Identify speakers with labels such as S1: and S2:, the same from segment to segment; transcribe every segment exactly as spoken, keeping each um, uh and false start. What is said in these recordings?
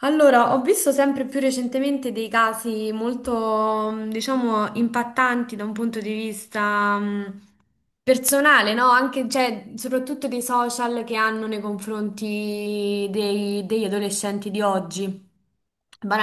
S1: Allora, ho visto sempre più recentemente dei casi molto, mh, diciamo, impattanti da un punto di vista, mh, personale, no? Anche, cioè, soprattutto dei social che hanno nei confronti dei- degli adolescenti di oggi.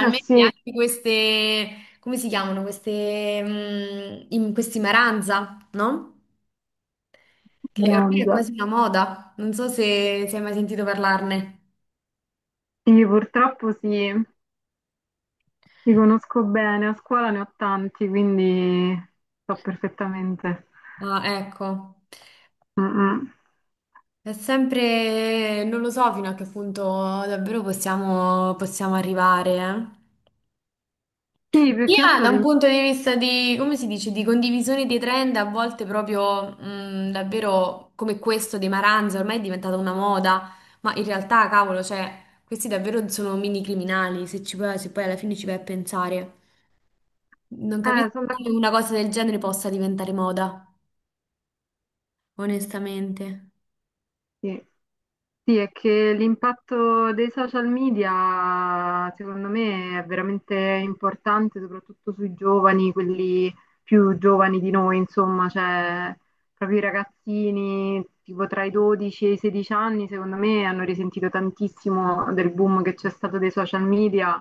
S2: Eh sì,
S1: anche queste, come si chiamano? Queste, mh, in- questi maranza, no? Che ormai è
S2: grande.
S1: quasi una moda. Non so se, se hai mai sentito parlarne.
S2: Sì, purtroppo sì, li conosco bene, a scuola ne ho tanti, quindi so perfettamente.
S1: Ah, ecco.
S2: Mm, mm.
S1: È sempre, non lo so fino a che punto davvero possiamo, possiamo arrivare. eh.
S2: Sì, più che
S1: Sia
S2: altro
S1: da un
S2: l'im-
S1: punto di vista di, come si dice, di condivisione dei trend, a volte proprio mh, davvero come questo dei Maranza, ormai è diventata una moda, ma in realtà, cavolo, cioè, questi davvero sono mini criminali, se ci poi- se poi alla fine ci vai a pensare. Non
S2: eh,
S1: capisco
S2: sono
S1: come
S2: d'accordo,
S1: una cosa del genere possa diventare moda, onestamente.
S2: sì. Sì, è che l'impatto dei social media secondo me è veramente importante, soprattutto sui giovani, quelli più giovani di noi, insomma, cioè proprio i ragazzini tipo tra i dodici e i sedici anni, secondo me hanno risentito tantissimo del boom che c'è stato dei social media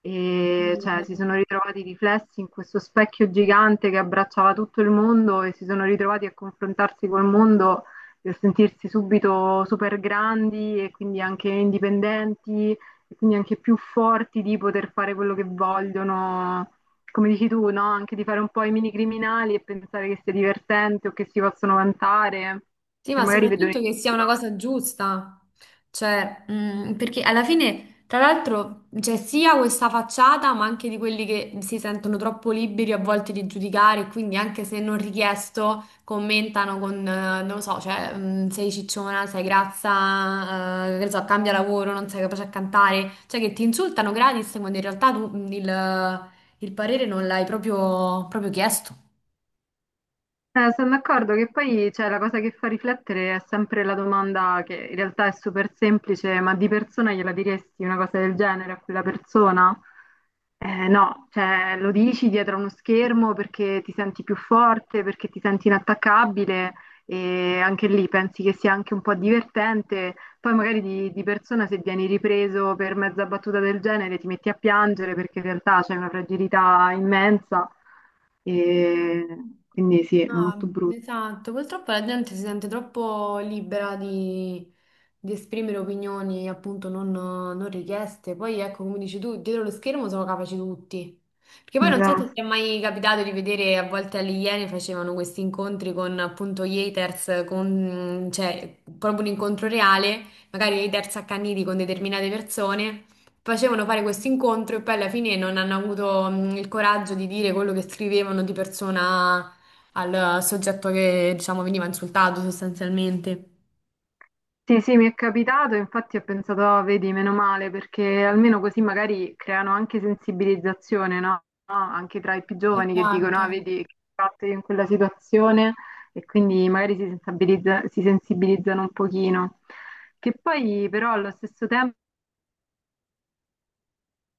S2: e cioè, si sono ritrovati riflessi in questo specchio gigante che abbracciava tutto il mondo e si sono ritrovati a confrontarsi col mondo, eh, sentirsi subito super grandi e quindi anche indipendenti e quindi anche più forti di poter fare quello che vogliono, come dici tu, no? Anche di fare un po' i mini criminali e pensare che sia divertente o che si possono vantare,
S1: Sì,
S2: che
S1: ma
S2: magari vedono in
S1: soprattutto che sia una
S2: giro.
S1: cosa giusta, cioè, mm, perché alla fine, tra l'altro, c'è sia questa facciata, ma anche di quelli che si sentono troppo liberi a volte di giudicare, e quindi anche se non richiesto, commentano con, eh, non lo so, cioè, mm, sei cicciona, sei grazza, eh, che ne so, cambia lavoro, non sei capace a cantare, cioè che ti insultano gratis quando in realtà tu mm, il, il parere non l'hai proprio proprio chiesto.
S2: Eh, sono d'accordo che poi cioè, la cosa che fa riflettere è sempre la domanda che in realtà è super semplice, ma di persona gliela diresti una cosa del genere a quella persona? Eh, no, cioè lo dici dietro a uno schermo perché ti senti più forte, perché ti senti inattaccabile, e anche lì pensi che sia anche un po' divertente. Poi magari di, di persona se vieni ripreso per mezza battuta del genere ti metti a piangere perché in realtà c'è una fragilità immensa e quindi sì, è
S1: Ah,
S2: molto brutto.
S1: esatto, purtroppo la gente si sente troppo libera di, di esprimere opinioni appunto non, non richieste. Poi ecco, come dici tu, dietro lo schermo sono capaci tutti. Perché poi non so se
S2: Esatto.
S1: ti è mai capitato di vedere, a volte alle Iene facevano questi incontri con appunto gli haters, con, cioè proprio un incontro reale, magari haters accaniti con determinate persone. Facevano fare questo incontro e poi alla fine non hanno avuto mm, il coraggio di dire quello che scrivevano di persona al soggetto che, diciamo, veniva insultato sostanzialmente.
S2: Sì, sì, mi è capitato, infatti ho pensato, "Ah, vedi, meno male, perché almeno così magari creano anche sensibilizzazione, no? No? Anche tra i più giovani che dicono,
S1: Esatto.
S2: ah, vedi, che ho fatto io in quella situazione e quindi magari si sensibilizza- si sensibilizzano un pochino. Che poi però allo stesso tempo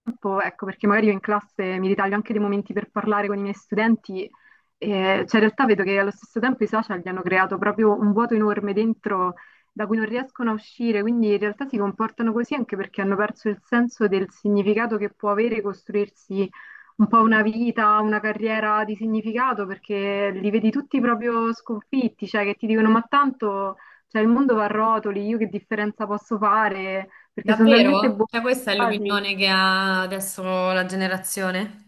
S2: tempo, ecco, perché magari io in classe mi ritaglio anche dei momenti per parlare con i miei studenti, eh, cioè in realtà vedo che allo stesso tempo i social gli hanno creato proprio un vuoto enorme dentro da cui non riescono a uscire, quindi in realtà si comportano così anche perché hanno perso il senso del significato che può avere costruirsi un po' una vita, una carriera di significato, perché li vedi tutti proprio sconfitti, cioè che ti dicono ma tanto cioè, il mondo va a rotoli, io che differenza posso fare? Perché sono talmente
S1: Davvero? Cioè, questa è
S2: bombardati.
S1: l'opinione che ha adesso la generazione?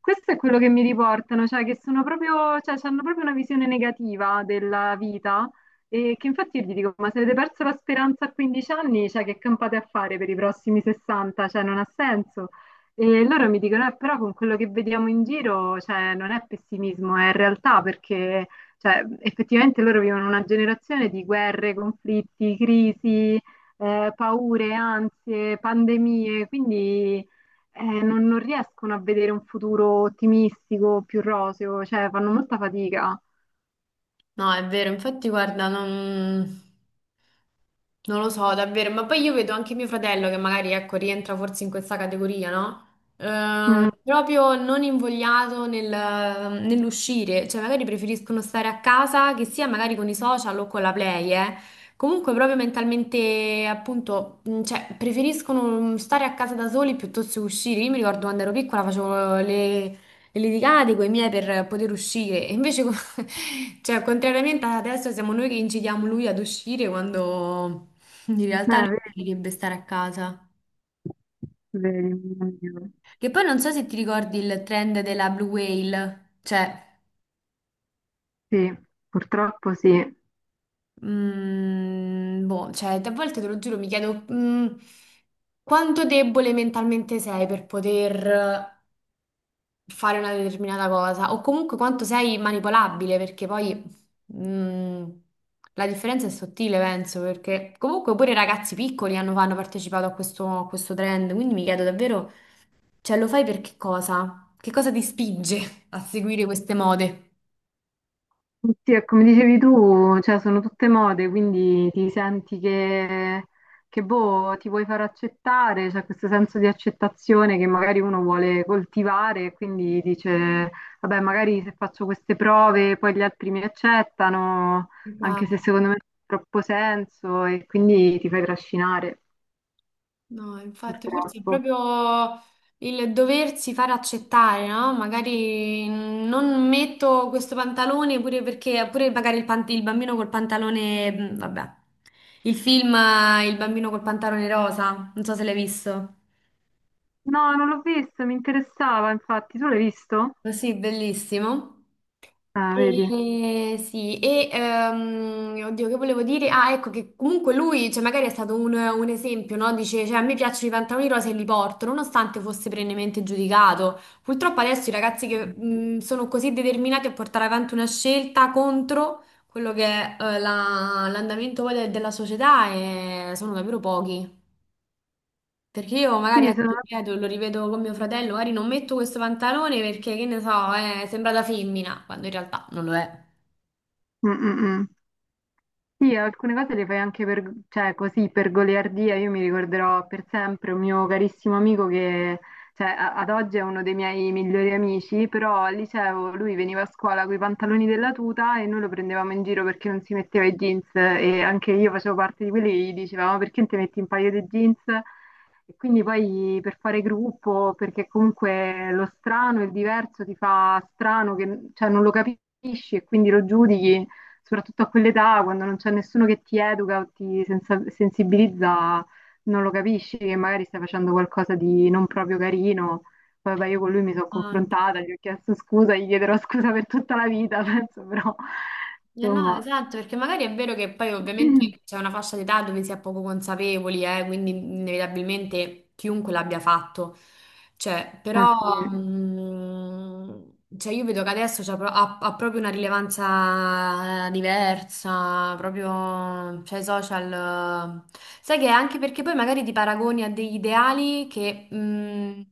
S2: Questo è quello che mi riportano, cioè che sono proprio, cioè, hanno proprio una visione negativa della vita e che infatti io gli dico, ma se avete perso la speranza a quindici anni, cioè che campate a fare per i prossimi sessanta? Cioè non ha senso. E loro mi dicono, eh, però con quello che vediamo in giro, cioè non è pessimismo, è realtà, perché cioè, effettivamente loro vivono una generazione di guerre, conflitti, crisi, eh, paure, ansie, pandemie, quindi eh, non, non riescono a vedere un futuro ottimistico, più roseo, cioè fanno molta fatica.
S1: No, è vero, infatti guarda, non... Non lo so, davvero, ma poi io vedo anche mio fratello che magari, ecco, rientra forse in questa categoria, no?
S2: Mm,
S1: Eh,
S2: eh,
S1: proprio non invogliato nel- nell'uscire, cioè magari preferiscono stare a casa, che sia magari con i social o con la play, eh. Comunque proprio mentalmente, appunto, mh, cioè preferiscono stare a casa da soli piuttosto che uscire. Io mi ricordo quando ero piccola facevo le, e litigate con i miei per poter uscire. E invece, co- cioè, contrariamente ad adesso, siamo noi che incidiamo lui ad uscire quando in realtà lui
S2: Vedi,
S1: dovrebbe stare a casa.
S2: vedi, mio Dio.
S1: Che poi non so se ti ricordi il trend della Blue Whale, cioè,
S2: Sì, purtroppo sì.
S1: mm, boh, cioè, a volte te lo giuro, mi chiedo, mm, quanto debole mentalmente sei per poter fare una determinata cosa o comunque quanto sei manipolabile, perché poi mm, la differenza è sottile, penso, perché comunque pure i ragazzi piccoli hanno, hanno partecipato a questo, a questo trend, quindi mi chiedo davvero, cioè lo fai per che cosa? Che cosa ti spinge a seguire queste mode?
S2: Sì, e come dicevi tu, cioè, sono tutte mode, quindi ti senti che, che, boh, ti vuoi far accettare, c'è questo senso di accettazione che magari uno vuole coltivare, e quindi dice, vabbè, magari se faccio queste prove poi gli altri mi accettano, anche se
S1: Esatto.
S2: secondo me non ha troppo senso, e quindi ti fai trascinare,
S1: No, infatti, forse è
S2: purtroppo.
S1: proprio il doversi far accettare, no? Magari non metto questo pantalone pure perché, pure magari il, pan- il bambino col pantalone, mm, vabbè, il film eh, Il bambino col pantalone rosa, non so se l'hai visto.
S2: No, non l'ho visto, mi interessava, infatti, tu l'hai visto?
S1: Ma sì, bellissimo.
S2: Ah, vedi.
S1: E, sì, e ehm, oddio, che volevo dire? Ah, ecco che comunque lui, cioè, magari è stato un, un esempio, no? Dice, cioè, a me piacciono i pantaloni rosa e li porto, nonostante fosse perennemente giudicato. Purtroppo adesso i ragazzi che mh, sono così determinati a portare avanti una scelta contro quello che è eh, la- l'andamento poi de- della società eh, sono davvero pochi. Perché io magari
S2: Sì,
S1: ecco, ti
S2: sono...
S1: ripeto, lo rivedo con mio fratello, magari non metto questo pantalone perché, che ne so, eh, sembra da femmina, quando in realtà non lo è.
S2: Mm, mm, mm. Sì, alcune cose le fai anche per, cioè, così per goliardia. Io mi ricorderò per sempre un mio carissimo amico che, cioè, a- ad oggi è uno dei miei migliori amici, però al liceo lui veniva a scuola con i pantaloni della tuta e noi lo prendevamo in giro perché non si metteva i jeans e anche io facevo parte di quelli che gli dicevamo "Ma perché non ti metti un paio di jeans? E quindi poi per fare gruppo, perché comunque lo strano, il diverso ti fa strano, che, cioè, non lo capisci e quindi lo giudichi soprattutto a quell'età, quando non c'è nessuno che ti educa o ti sensa- sensibilizza, non lo capisci che magari stai facendo qualcosa di non proprio carino. Poi vabbè, io con lui mi sono confrontata, gli ho chiesto scusa, gli chiederò scusa per tutta la vita, penso, però
S1: Eh no,
S2: insomma,
S1: esatto, perché magari è vero che poi ovviamente c'è una fascia d'età dove si è poco consapevoli, eh, quindi inevitabilmente chiunque l'abbia fatto. Cioè,
S2: eh
S1: però
S2: sì.
S1: mh, cioè io vedo che adesso c'ha pro- ha, ha proprio una rilevanza eh, diversa, proprio, cioè i social... eh, Sai che è anche perché poi magari ti paragoni a degli ideali che, mh,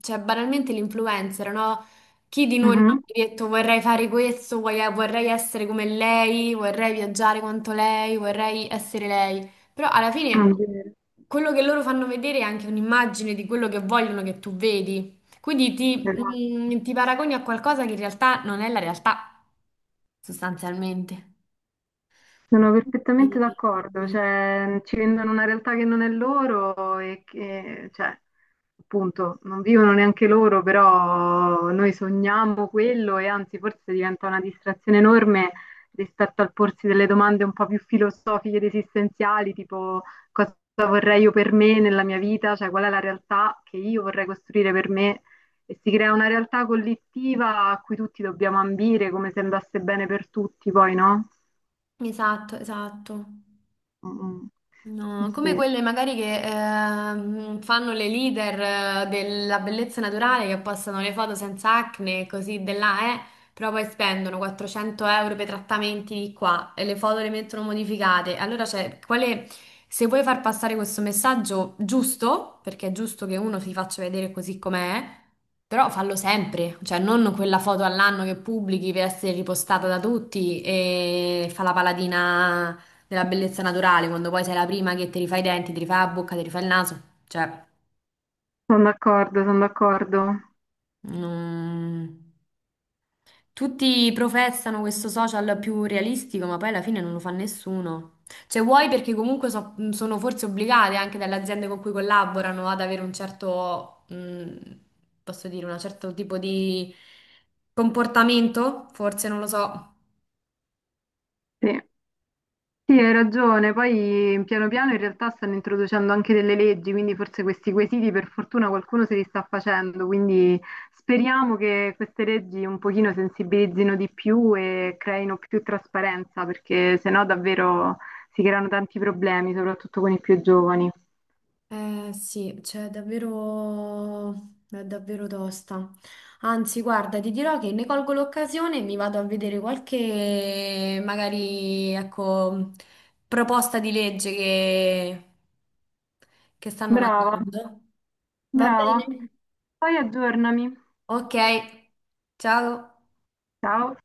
S1: cioè banalmente l'influencer, no? Chi di noi non ha
S2: Mhm.
S1: mai detto vorrei fare questo, vorrei vorrei essere come lei, vorrei viaggiare quanto lei, vorrei essere lei. Però alla
S2: Non
S1: fine
S2: dire.
S1: quello che loro fanno vedere è anche un'immagine di quello che vogliono che tu vedi. Quindi ti, mm, ti paragoni a qualcosa che in realtà non è la realtà, sostanzialmente.
S2: Sono perfettamente
S1: Sì, sì,
S2: d'accordo,
S1: sì.
S2: cioè mm, ci vendono una realtà che non è loro e che, cioè, appunto, non vivono neanche loro, però noi sogniamo quello e anzi forse diventa una distrazione enorme rispetto al porsi delle domande un po' più filosofiche ed esistenziali, tipo cosa vorrei io per me nella mia vita, cioè qual è la realtà che io vorrei costruire per me e si crea una realtà collettiva a cui tutti dobbiamo ambire, come se andasse bene per tutti, poi no?
S1: Esatto, esatto.
S2: Mm, eh
S1: No, come
S2: sì,
S1: quelle magari che ehm, fanno le leader eh, della bellezza naturale che postano le foto senza acne e così de là, eh, però poi spendono quattrocento euro per trattamenti di qua e le foto le mettono modificate. Allora, cioè, quale, se vuoi far passare questo messaggio giusto, perché è giusto che uno si faccia vedere così com'è, però fallo sempre, cioè non quella foto all'anno che pubblichi per essere ripostata da tutti e fa la paladina della bellezza naturale, quando poi sei la prima che ti rifai i denti, ti rifai la bocca, ti rifai il naso, cioè,
S2: sono d'accordo, sono d'accordo.
S1: non- tutti professano questo social più realistico, ma poi alla fine non lo fa nessuno. Cioè, vuoi perché comunque so- sono forse obbligate anche dalle aziende con cui collaborano ad avere un certo, mh, posso dire, un certo tipo di comportamento, forse non lo so.
S2: Sì. Sì, hai ragione. Poi piano piano in realtà stanno introducendo anche delle leggi, quindi forse questi quesiti per fortuna qualcuno se li sta facendo, quindi speriamo che queste leggi un pochino sensibilizzino di più e creino più trasparenza, perché sennò davvero si creano tanti problemi, soprattutto con i più giovani.
S1: Eh sì, cioè davvero, è davvero tosta. Anzi, guarda, ti dirò che ne colgo l'occasione e mi vado a vedere qualche, magari, ecco, proposta di legge che, che stanno
S2: Brava,
S1: mandando. Va
S2: brava.
S1: bene?
S2: Poi aggiornami.
S1: Ok, ciao.
S2: Ciao.